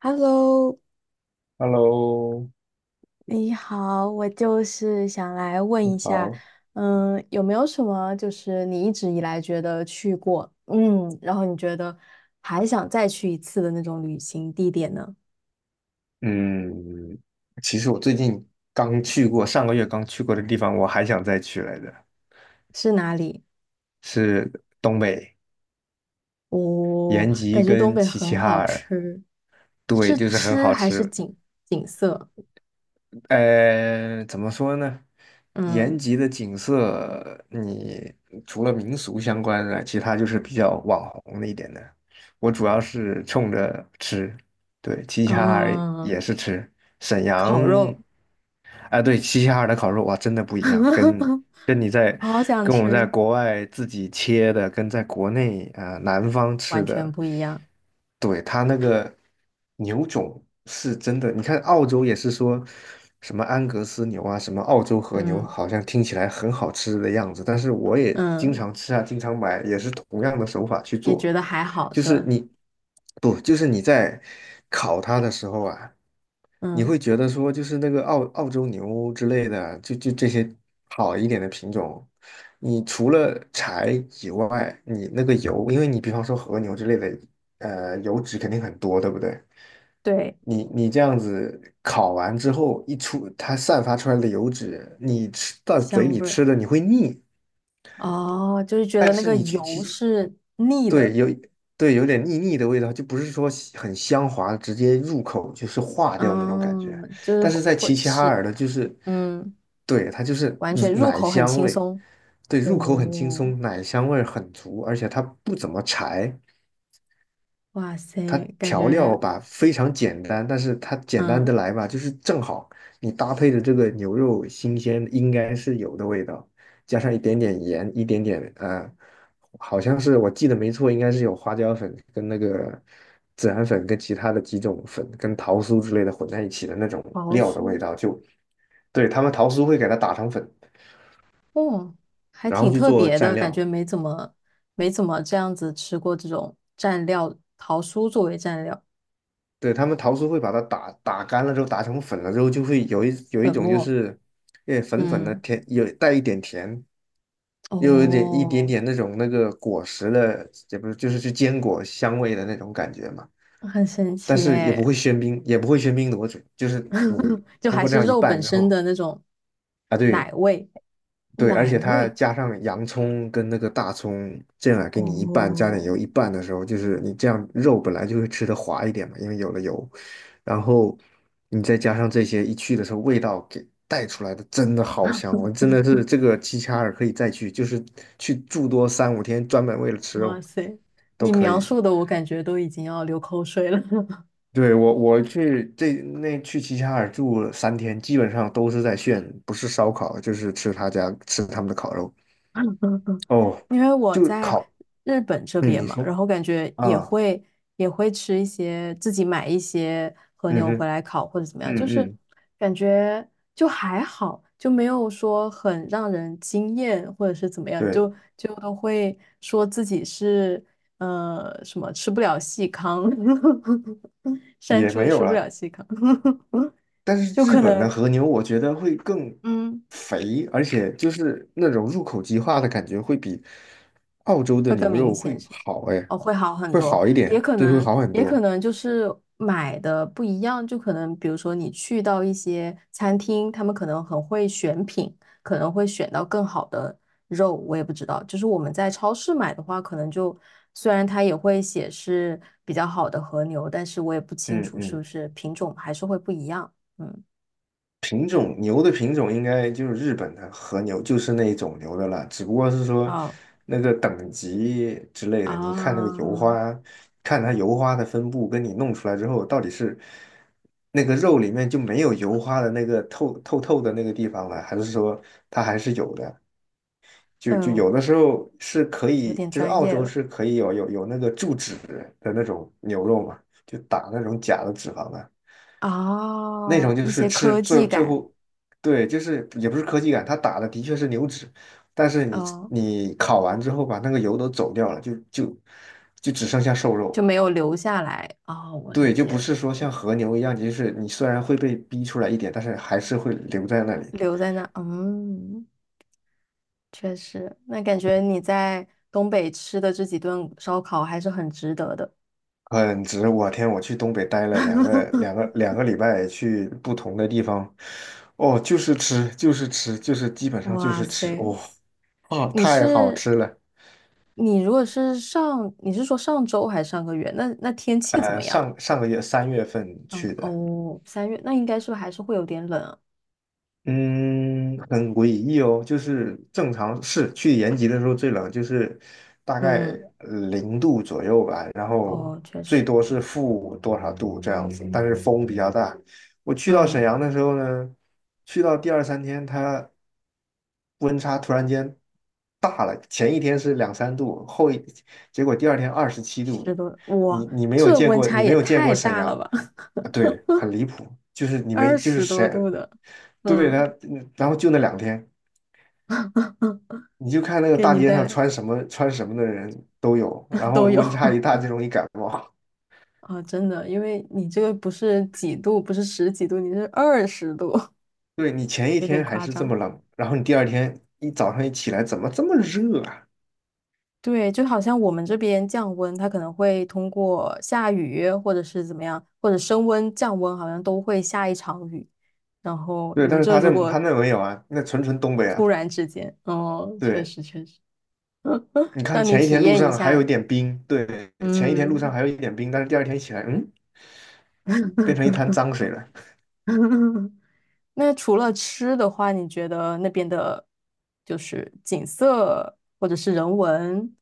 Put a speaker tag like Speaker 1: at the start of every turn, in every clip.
Speaker 1: Hello，
Speaker 2: Hello，
Speaker 1: 哎你好，我就是想来问一下，
Speaker 2: 好，
Speaker 1: 有没有什么就是你一直以来觉得去过，然后你觉得还想再去一次的那种旅行地点呢？
Speaker 2: 嗯，其实我最近刚去过，上个月刚去过的地方，我还想再去来着，
Speaker 1: 是哪里？
Speaker 2: 是东北
Speaker 1: 哦，
Speaker 2: 延吉
Speaker 1: 感觉东
Speaker 2: 跟
Speaker 1: 北
Speaker 2: 齐
Speaker 1: 很
Speaker 2: 齐哈
Speaker 1: 好
Speaker 2: 尔，
Speaker 1: 吃，
Speaker 2: 对，
Speaker 1: 是
Speaker 2: 就是很
Speaker 1: 吃
Speaker 2: 好
Speaker 1: 还是
Speaker 2: 吃。
Speaker 1: 景色？
Speaker 2: 怎么说呢？延
Speaker 1: 嗯
Speaker 2: 吉的景色，你除了民俗相关的，其他就是比较网红的一点的。我主要是冲着吃，对，齐齐哈尔也
Speaker 1: 嗯，
Speaker 2: 是吃。沈阳，
Speaker 1: 烤肉，
Speaker 2: 哎，对，齐齐哈尔的烤肉哇，真的不一样，跟你在
Speaker 1: 好想
Speaker 2: 跟我们在
Speaker 1: 吃，
Speaker 2: 国外自己切的，跟在国内啊、南方
Speaker 1: 完
Speaker 2: 吃
Speaker 1: 全
Speaker 2: 的，
Speaker 1: 不一样。
Speaker 2: 对，它那个牛种是真的，你看澳洲也是说什么安格斯牛啊，什么澳洲和牛，
Speaker 1: 嗯
Speaker 2: 好像听起来很好吃的样子，但是我也经
Speaker 1: 嗯，
Speaker 2: 常吃啊，经常买，也是同样的手法去
Speaker 1: 也
Speaker 2: 做，
Speaker 1: 觉得还好
Speaker 2: 就
Speaker 1: 是
Speaker 2: 是
Speaker 1: 吧？
Speaker 2: 你不，就是你在烤它的时候啊。你
Speaker 1: 嗯。
Speaker 2: 会觉得说，就是那个澳洲牛之类的，就这些好一点的品种，你除了柴以外，你那个油，因为你比方说和牛之类的，油脂肯定很多，对不对？
Speaker 1: 对，
Speaker 2: 你这样子烤完之后，一出它散发出来的油脂，你吃到嘴
Speaker 1: 香
Speaker 2: 里
Speaker 1: 味儿
Speaker 2: 吃的你会腻，
Speaker 1: 哦，就是觉
Speaker 2: 但
Speaker 1: 得那
Speaker 2: 是
Speaker 1: 个
Speaker 2: 你去吃
Speaker 1: 油是腻
Speaker 2: 对，
Speaker 1: 的，
Speaker 2: 有对有点腻腻的味道，就不是说喜很香滑，直接入口就是化掉那种感觉。
Speaker 1: 嗯，就是
Speaker 2: 但是
Speaker 1: 会
Speaker 2: 在齐
Speaker 1: 会
Speaker 2: 齐哈
Speaker 1: 吃，
Speaker 2: 尔的，就是
Speaker 1: 嗯，
Speaker 2: 对它就是
Speaker 1: 完全入
Speaker 2: 奶
Speaker 1: 口很
Speaker 2: 香
Speaker 1: 轻
Speaker 2: 味，
Speaker 1: 松。
Speaker 2: 对入口很轻
Speaker 1: 哦，
Speaker 2: 松，奶香味儿很足，而且它不怎么柴。
Speaker 1: 哇
Speaker 2: 它
Speaker 1: 塞，感
Speaker 2: 调料
Speaker 1: 觉
Speaker 2: 吧非常简单，但是它简单的
Speaker 1: 嗯，
Speaker 2: 来吧，就是正好你搭配的这个牛肉新鲜应该是有的味道，加上一点点盐，一点点好像是我记得没错，应该是有花椒粉跟那个孜然粉跟其他的几种粉跟桃酥之类的混在一起的那种
Speaker 1: 桃
Speaker 2: 料的味
Speaker 1: 酥，
Speaker 2: 道，就对他们桃酥会给它打成粉，
Speaker 1: 哦，还
Speaker 2: 然后
Speaker 1: 挺
Speaker 2: 去
Speaker 1: 特
Speaker 2: 做
Speaker 1: 别
Speaker 2: 蘸
Speaker 1: 的，感觉
Speaker 2: 料。
Speaker 1: 没怎么没怎么这样子吃过这种蘸料，桃酥作为蘸料，
Speaker 2: 对，他们桃酥会把它打干了之后，打成粉了之后，就会有一有一
Speaker 1: 粉
Speaker 2: 种就
Speaker 1: 末，
Speaker 2: 是，诶粉粉的
Speaker 1: 嗯，
Speaker 2: 甜，有带一点甜，又有一点一点
Speaker 1: 哦，
Speaker 2: 点那种那个果实的，也不是就是是坚果香味的那种感觉嘛。
Speaker 1: 很神
Speaker 2: 但
Speaker 1: 奇
Speaker 2: 是也不
Speaker 1: 诶，
Speaker 2: 会喧宾，也不会喧宾夺主，就是你
Speaker 1: 就
Speaker 2: 通
Speaker 1: 还
Speaker 2: 过这
Speaker 1: 是
Speaker 2: 样一
Speaker 1: 肉
Speaker 2: 拌
Speaker 1: 本
Speaker 2: 之
Speaker 1: 身
Speaker 2: 后，
Speaker 1: 的那种
Speaker 2: 啊
Speaker 1: 奶
Speaker 2: 对，
Speaker 1: 味。
Speaker 2: 对，而
Speaker 1: 奶
Speaker 2: 且它
Speaker 1: 味
Speaker 2: 加上洋葱跟那个大葱，这样给你一半加点
Speaker 1: 哦，
Speaker 2: 油，一半的时候，就是你这样肉本来就会吃的滑一点嘛，因为有了油，然后你再加上这些一去的时候，味道给带出来的真的好香，我真的是这个齐齐哈尔可以再去，就是去住多三五天，专门为了吃
Speaker 1: 哇
Speaker 2: 肉
Speaker 1: 塞！
Speaker 2: 都
Speaker 1: 你
Speaker 2: 可
Speaker 1: 描
Speaker 2: 以。
Speaker 1: 述的我感觉都已经要流口水了，
Speaker 2: 对，我去这那去齐齐哈尔住了三天，基本上都是在炫，不是烧烤就是吃他家吃他们的烤肉。哦，
Speaker 1: 因为我
Speaker 2: 就
Speaker 1: 在
Speaker 2: 烤
Speaker 1: 日本这
Speaker 2: 嗯，
Speaker 1: 边
Speaker 2: 你
Speaker 1: 嘛，
Speaker 2: 说
Speaker 1: 然后感觉也
Speaker 2: 啊，
Speaker 1: 会也会吃一些自己买一些和
Speaker 2: 嗯
Speaker 1: 牛回
Speaker 2: 哼，
Speaker 1: 来烤或者怎么样，就
Speaker 2: 嗯
Speaker 1: 是
Speaker 2: 嗯，
Speaker 1: 感觉就还好，就没有说很让人惊艳或者是怎么样，
Speaker 2: 对，
Speaker 1: 就都会说自己是什么吃不了细糠，山
Speaker 2: 也
Speaker 1: 猪
Speaker 2: 没
Speaker 1: 吃
Speaker 2: 有
Speaker 1: 不了
Speaker 2: 了。
Speaker 1: 细糠。
Speaker 2: 但
Speaker 1: 就
Speaker 2: 是日
Speaker 1: 可
Speaker 2: 本的
Speaker 1: 能
Speaker 2: 和牛，我觉得会更
Speaker 1: 嗯，
Speaker 2: 肥，而且就是那种入口即化的感觉，会比澳洲的
Speaker 1: 会更
Speaker 2: 牛
Speaker 1: 明
Speaker 2: 肉
Speaker 1: 显，
Speaker 2: 会
Speaker 1: 是不是？
Speaker 2: 好，哎，
Speaker 1: 哦，会好很
Speaker 2: 会
Speaker 1: 多，
Speaker 2: 好一
Speaker 1: 也
Speaker 2: 点，
Speaker 1: 可
Speaker 2: 对，会
Speaker 1: 能，
Speaker 2: 好很
Speaker 1: 也可
Speaker 2: 多。
Speaker 1: 能就是买的不一样，就可能比如说你去到一些餐厅，他们可能很会选品，可能会选到更好的肉，我也不知道。就是我们在超市买的话，可能就虽然它也会写是比较好的和牛，但是我也不清
Speaker 2: 嗯
Speaker 1: 楚是不
Speaker 2: 嗯。
Speaker 1: 是品种还是会不一样。嗯，
Speaker 2: 品种牛的品种应该就是日本的和牛，就是那一种牛的了，只不过是说
Speaker 1: 哦
Speaker 2: 那个等级之类的，你看那个油
Speaker 1: 啊，
Speaker 2: 花，看它油花的分布，跟你弄出来之后到底是那个肉里面就没有油花的那个透的那个地方了，还是说它还是有的？就就
Speaker 1: 嗯，
Speaker 2: 有的时候是可
Speaker 1: 有
Speaker 2: 以，
Speaker 1: 点
Speaker 2: 就是
Speaker 1: 专
Speaker 2: 澳
Speaker 1: 业
Speaker 2: 洲
Speaker 1: 了。
Speaker 2: 是可以有那个注脂的那种牛肉嘛，就打那种假的脂肪的。那
Speaker 1: 哦，
Speaker 2: 种就
Speaker 1: 一
Speaker 2: 是
Speaker 1: 些
Speaker 2: 吃
Speaker 1: 科
Speaker 2: 最
Speaker 1: 技
Speaker 2: 最
Speaker 1: 感，
Speaker 2: 后，对，就是也不是科技感，它打的的确是牛脂，但是你
Speaker 1: 嗯，
Speaker 2: 你烤完之后把那个油都走掉了，就就只剩下瘦
Speaker 1: 就
Speaker 2: 肉，
Speaker 1: 没有留下来。哦，我理
Speaker 2: 对，就
Speaker 1: 解
Speaker 2: 不
Speaker 1: 了，
Speaker 2: 是说像和牛一样，就是你虽然会被逼出来一点，但是还是会留在那里，
Speaker 1: 留在那，嗯，确实，那感觉你在东北吃的这几顿烧烤还是很值得的。
Speaker 2: 很值。我天，我去东北待了两个两个 两个礼拜，去不同的地方，哦，就是吃就是吃就是基本上就
Speaker 1: 哇
Speaker 2: 是吃，
Speaker 1: 塞，
Speaker 2: 哦哦，
Speaker 1: 你
Speaker 2: 太好
Speaker 1: 是
Speaker 2: 吃了。
Speaker 1: 你是，你是说上周还是上个月？那天气怎么样？
Speaker 2: 上个月3月份
Speaker 1: 嗯，
Speaker 2: 去的。
Speaker 1: 哦，三月，那应该是不是还是会有点冷啊
Speaker 2: 嗯，很诡异哦，就是正常是去延吉的时候最冷，就是大概
Speaker 1: 嗯，
Speaker 2: 0度左右吧，然后
Speaker 1: 哦，确
Speaker 2: 最
Speaker 1: 实，
Speaker 2: 多是负多少度这样子，但是风比较大。我去到沈
Speaker 1: 嗯。
Speaker 2: 阳的时候呢，去到第二三天，它温差突然间大了，前一天是两三度，结果第二天二十七
Speaker 1: 十
Speaker 2: 度，
Speaker 1: 多，
Speaker 2: 你
Speaker 1: 哇，
Speaker 2: 你没有
Speaker 1: 这
Speaker 2: 见
Speaker 1: 温
Speaker 2: 过，
Speaker 1: 差
Speaker 2: 你没
Speaker 1: 也
Speaker 2: 有见过
Speaker 1: 太
Speaker 2: 沈
Speaker 1: 大了
Speaker 2: 阳。
Speaker 1: 吧！
Speaker 2: 啊对，很离谱，就是你
Speaker 1: 二
Speaker 2: 没，就是
Speaker 1: 十多度
Speaker 2: 沈
Speaker 1: 的，
Speaker 2: 对他，
Speaker 1: 嗯，
Speaker 2: 然后就那两天，你就看那个
Speaker 1: 给
Speaker 2: 大
Speaker 1: 你
Speaker 2: 街
Speaker 1: 带
Speaker 2: 上
Speaker 1: 来
Speaker 2: 穿什么穿什么的人都有，然 后
Speaker 1: 都有
Speaker 2: 温差一大 就容易感冒。
Speaker 1: 啊，真的，因为你这个不是几度，不是十几度，你是二十度，
Speaker 2: 对你前 一
Speaker 1: 有点
Speaker 2: 天还
Speaker 1: 夸
Speaker 2: 是这么
Speaker 1: 张。
Speaker 2: 冷，然后你第二天一早上一起来，怎么这么热啊？
Speaker 1: 对，就好像我们这边降温，它可能会通过下雨或者是怎么样，或者升温、降温，好像都会下一场雨。然后
Speaker 2: 对，
Speaker 1: 你们
Speaker 2: 但是
Speaker 1: 这
Speaker 2: 他这
Speaker 1: 如果
Speaker 2: 他那没有啊，那纯纯东北啊。
Speaker 1: 突然之间，哦，确
Speaker 2: 对，
Speaker 1: 实确实，
Speaker 2: 你 看
Speaker 1: 让你
Speaker 2: 前一
Speaker 1: 体
Speaker 2: 天路
Speaker 1: 验一
Speaker 2: 上还有一
Speaker 1: 下，
Speaker 2: 点冰，对，前一天路上
Speaker 1: 嗯。
Speaker 2: 还有一点冰，但是第二天一起来，嗯，变成一滩脏 水了。
Speaker 1: 那除了吃的话，你觉得那边的，就是景色或者是人文，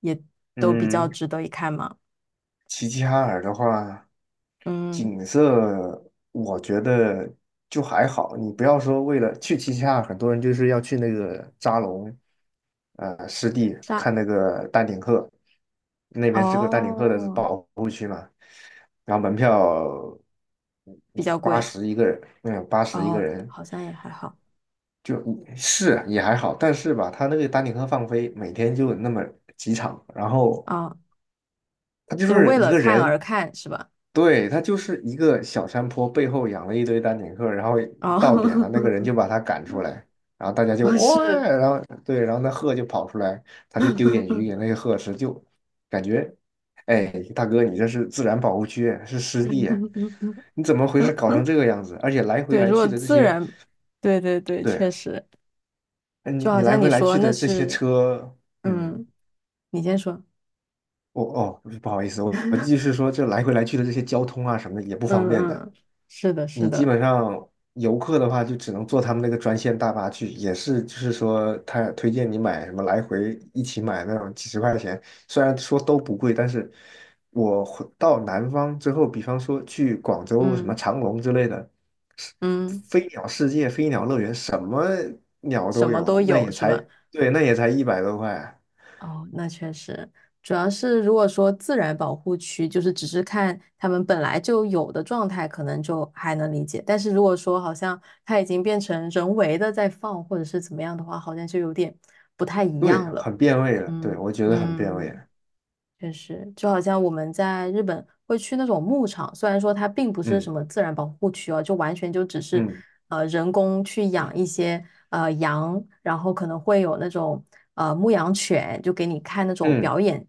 Speaker 1: 也都比较
Speaker 2: 嗯，
Speaker 1: 值得一看吗？
Speaker 2: 齐齐哈尔的话，
Speaker 1: 嗯，
Speaker 2: 景色我觉得就还好。你不要说为了去齐齐哈尔，很多人就是要去那个扎龙，湿地
Speaker 1: 沙，
Speaker 2: 看那个丹顶鹤，那边是个丹顶鹤的
Speaker 1: 哦，
Speaker 2: 保护区嘛，然后门票
Speaker 1: 比较
Speaker 2: 八
Speaker 1: 贵，
Speaker 2: 十一个人，嗯，八十一个
Speaker 1: 哦，
Speaker 2: 人，
Speaker 1: 好像也还好，
Speaker 2: 就是也还好，但是吧，他那个丹顶鹤放飞，每天就那么几场，然后
Speaker 1: 啊，
Speaker 2: 他就
Speaker 1: 就
Speaker 2: 是
Speaker 1: 为
Speaker 2: 一
Speaker 1: 了
Speaker 2: 个
Speaker 1: 看
Speaker 2: 人。
Speaker 1: 而看是吧？
Speaker 2: 对，他就是一个小山坡背后养了一堆丹顶鹤，然后
Speaker 1: 哦，
Speaker 2: 到点了，那个 人就把他赶出来，然后大家就
Speaker 1: 哦
Speaker 2: 哇，
Speaker 1: 是，
Speaker 2: 然后对，然后那鹤就跑出来，他就丢点鱼给 那些鹤吃，就感觉，哎，大哥，你这是自然保护区，是湿地，你怎么回事搞成这个样子？而且来回
Speaker 1: 对，
Speaker 2: 来
Speaker 1: 如果
Speaker 2: 去的这
Speaker 1: 自
Speaker 2: 些，
Speaker 1: 然，对对对，
Speaker 2: 对，
Speaker 1: 确实，
Speaker 2: 哎你
Speaker 1: 就好
Speaker 2: 你来
Speaker 1: 像
Speaker 2: 回
Speaker 1: 你
Speaker 2: 来
Speaker 1: 说
Speaker 2: 去
Speaker 1: 那
Speaker 2: 的这些
Speaker 1: 是，
Speaker 2: 车，嗯，
Speaker 1: 嗯，你先说。
Speaker 2: 哦，不好意思，我继续说，这来回来去的这些交通啊什么的也不方
Speaker 1: 嗯
Speaker 2: 便的。
Speaker 1: 嗯，是的，是
Speaker 2: 你基
Speaker 1: 的，
Speaker 2: 本上游客的话，就只能坐他们那个专线大巴去，也是就是说，他推荐你买什么来回一起买那种几十块钱，虽然说都不贵，但是我回到南方之后，比方说去广州什么
Speaker 1: 嗯
Speaker 2: 长隆之类的，是
Speaker 1: 嗯，
Speaker 2: 飞鸟世界、飞鸟乐园，什么鸟
Speaker 1: 什
Speaker 2: 都
Speaker 1: 么
Speaker 2: 有，
Speaker 1: 都
Speaker 2: 那
Speaker 1: 有
Speaker 2: 也
Speaker 1: 是
Speaker 2: 才
Speaker 1: 吧？
Speaker 2: 对，那也才100多块，
Speaker 1: 哦，那确实，主要是如果说自然保护区，就是只是看他们本来就有的状态，可能就还能理解。但是如果说好像它已经变成人为的在放，或者是怎么样的话，好像就有点不太一
Speaker 2: 对，
Speaker 1: 样了。
Speaker 2: 很变味了，对，
Speaker 1: 嗯
Speaker 2: 我觉得很变味
Speaker 1: 嗯。
Speaker 2: 了，
Speaker 1: 确实，就好像我们在日本会去那种牧场，虽然说它并不是
Speaker 2: 嗯
Speaker 1: 什么自然保护区哦，就完全就只是
Speaker 2: 嗯
Speaker 1: 人工去养一些羊，然后可能会有那种牧羊犬，就给你看那种
Speaker 2: 嗯
Speaker 1: 表演，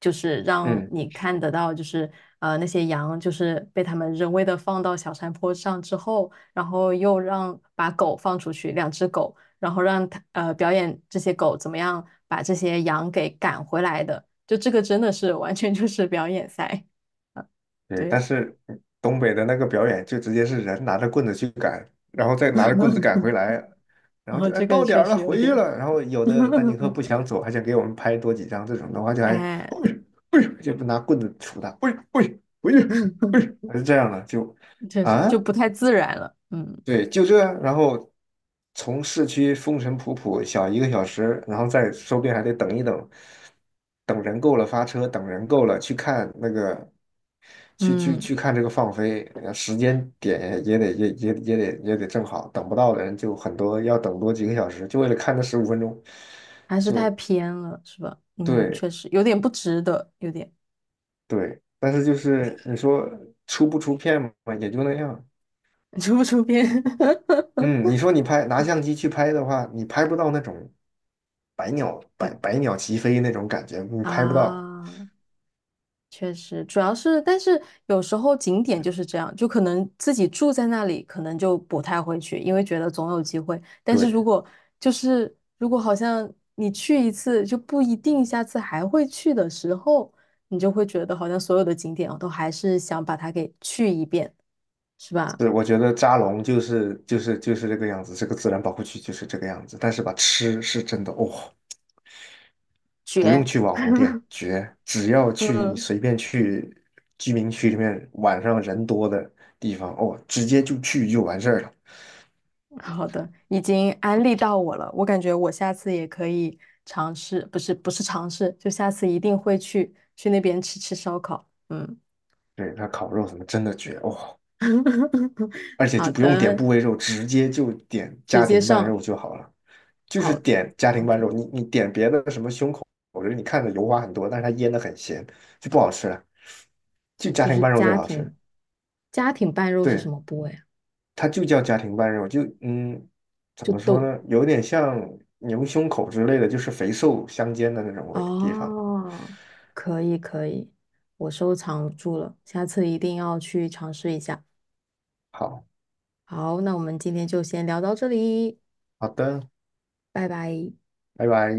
Speaker 1: 就是让
Speaker 2: 嗯。
Speaker 1: 你看得到，就是那些羊就是被他们人为的放到小山坡上之后，然后又让把狗放出去，两只狗，然后让它表演这些狗怎么样把这些羊给赶回来的。就这个真的是完全就是表演赛，
Speaker 2: 对，但
Speaker 1: 对，
Speaker 2: 是嗯东北的那个表演就直接是人拿着棍子去赶，然后再拿着棍子赶 回来，然
Speaker 1: 然
Speaker 2: 后
Speaker 1: 后
Speaker 2: 就哎
Speaker 1: 这个
Speaker 2: 到点
Speaker 1: 确
Speaker 2: 儿了
Speaker 1: 实有
Speaker 2: 回去
Speaker 1: 点
Speaker 2: 了，然后有的丹顶鹤不想 走，还想给我们拍多几张，这种的话就还，哎
Speaker 1: 哎，
Speaker 2: 呦哎呦，就拿棍子杵他，喂喂回去，喂，哎呦还是这样的就
Speaker 1: 确实
Speaker 2: 啊。
Speaker 1: 就不太自然了，嗯
Speaker 2: 对，就这，然后从市区风尘仆仆小一个小时，然后再说不定还得等一等，等人够了发车，等人够了去看那个，去去
Speaker 1: 嗯，
Speaker 2: 去看这个放飞，时间点也得也也也得也得正好，等不到的人就很多，要等多几个小时，就为了看那15分钟，
Speaker 1: 还是太
Speaker 2: 就
Speaker 1: 偏了，是吧？嗯，
Speaker 2: 对
Speaker 1: 确实有点不值得，有点
Speaker 2: 对，但是就是你说出不出片嘛，也就那样，
Speaker 1: 出 不出片
Speaker 2: 嗯，你说你拿相机去拍的话，你拍不到那种百鸟齐飞那种感觉，你拍不到。
Speaker 1: 啊？确实，主要是，但是有时候景点就是这样，就可能自己住在那里，可能就不太会去，因为觉得总有机会。但是
Speaker 2: 对，
Speaker 1: 如果就是如果好像你去一次就不一定下次还会去的时候，你就会觉得好像所有的景点我都还是想把它给去一遍，是吧？
Speaker 2: 对，我觉得扎龙就是这个样子，这个自然保护区就是这个样子。但是吧，吃是真的哦，不用
Speaker 1: 绝。
Speaker 2: 去网红店，绝！只要去你
Speaker 1: 嗯。
Speaker 2: 随便去居民区里面晚上人多的地方，哦，直接就去就完事儿了。
Speaker 1: 好的，已经安利到我了，我感觉我下次也可以尝试，不是不是尝试，就下次一定会去去那边吃吃烧烤。嗯，
Speaker 2: 对，它烤肉什么真的绝哦，而且
Speaker 1: 好
Speaker 2: 就不用点
Speaker 1: 的，
Speaker 2: 部位肉，直接就点
Speaker 1: 直
Speaker 2: 家
Speaker 1: 接
Speaker 2: 庭拌
Speaker 1: 上
Speaker 2: 肉就好了。就是
Speaker 1: 好
Speaker 2: 点家庭拌
Speaker 1: ，OK，
Speaker 2: 肉，你点别的什么胸口，我觉得你看着油花很多，但是它腌的很咸，就不好吃了。就家
Speaker 1: 就
Speaker 2: 庭
Speaker 1: 是
Speaker 2: 拌肉最
Speaker 1: 家
Speaker 2: 好吃，
Speaker 1: 庭家庭拌肉是什
Speaker 2: 对，
Speaker 1: 么部位啊？
Speaker 2: 它就叫家庭拌肉，就嗯，怎
Speaker 1: 就
Speaker 2: 么说
Speaker 1: 都
Speaker 2: 呢，有点像牛胸口之类的，就是肥瘦相间的那种味地方。
Speaker 1: 哦，可以可以，我收藏住了，下次一定要去尝试一下。
Speaker 2: 好，
Speaker 1: 好，那我们今天就先聊到这里，
Speaker 2: 好的，
Speaker 1: 拜拜。
Speaker 2: 拜拜。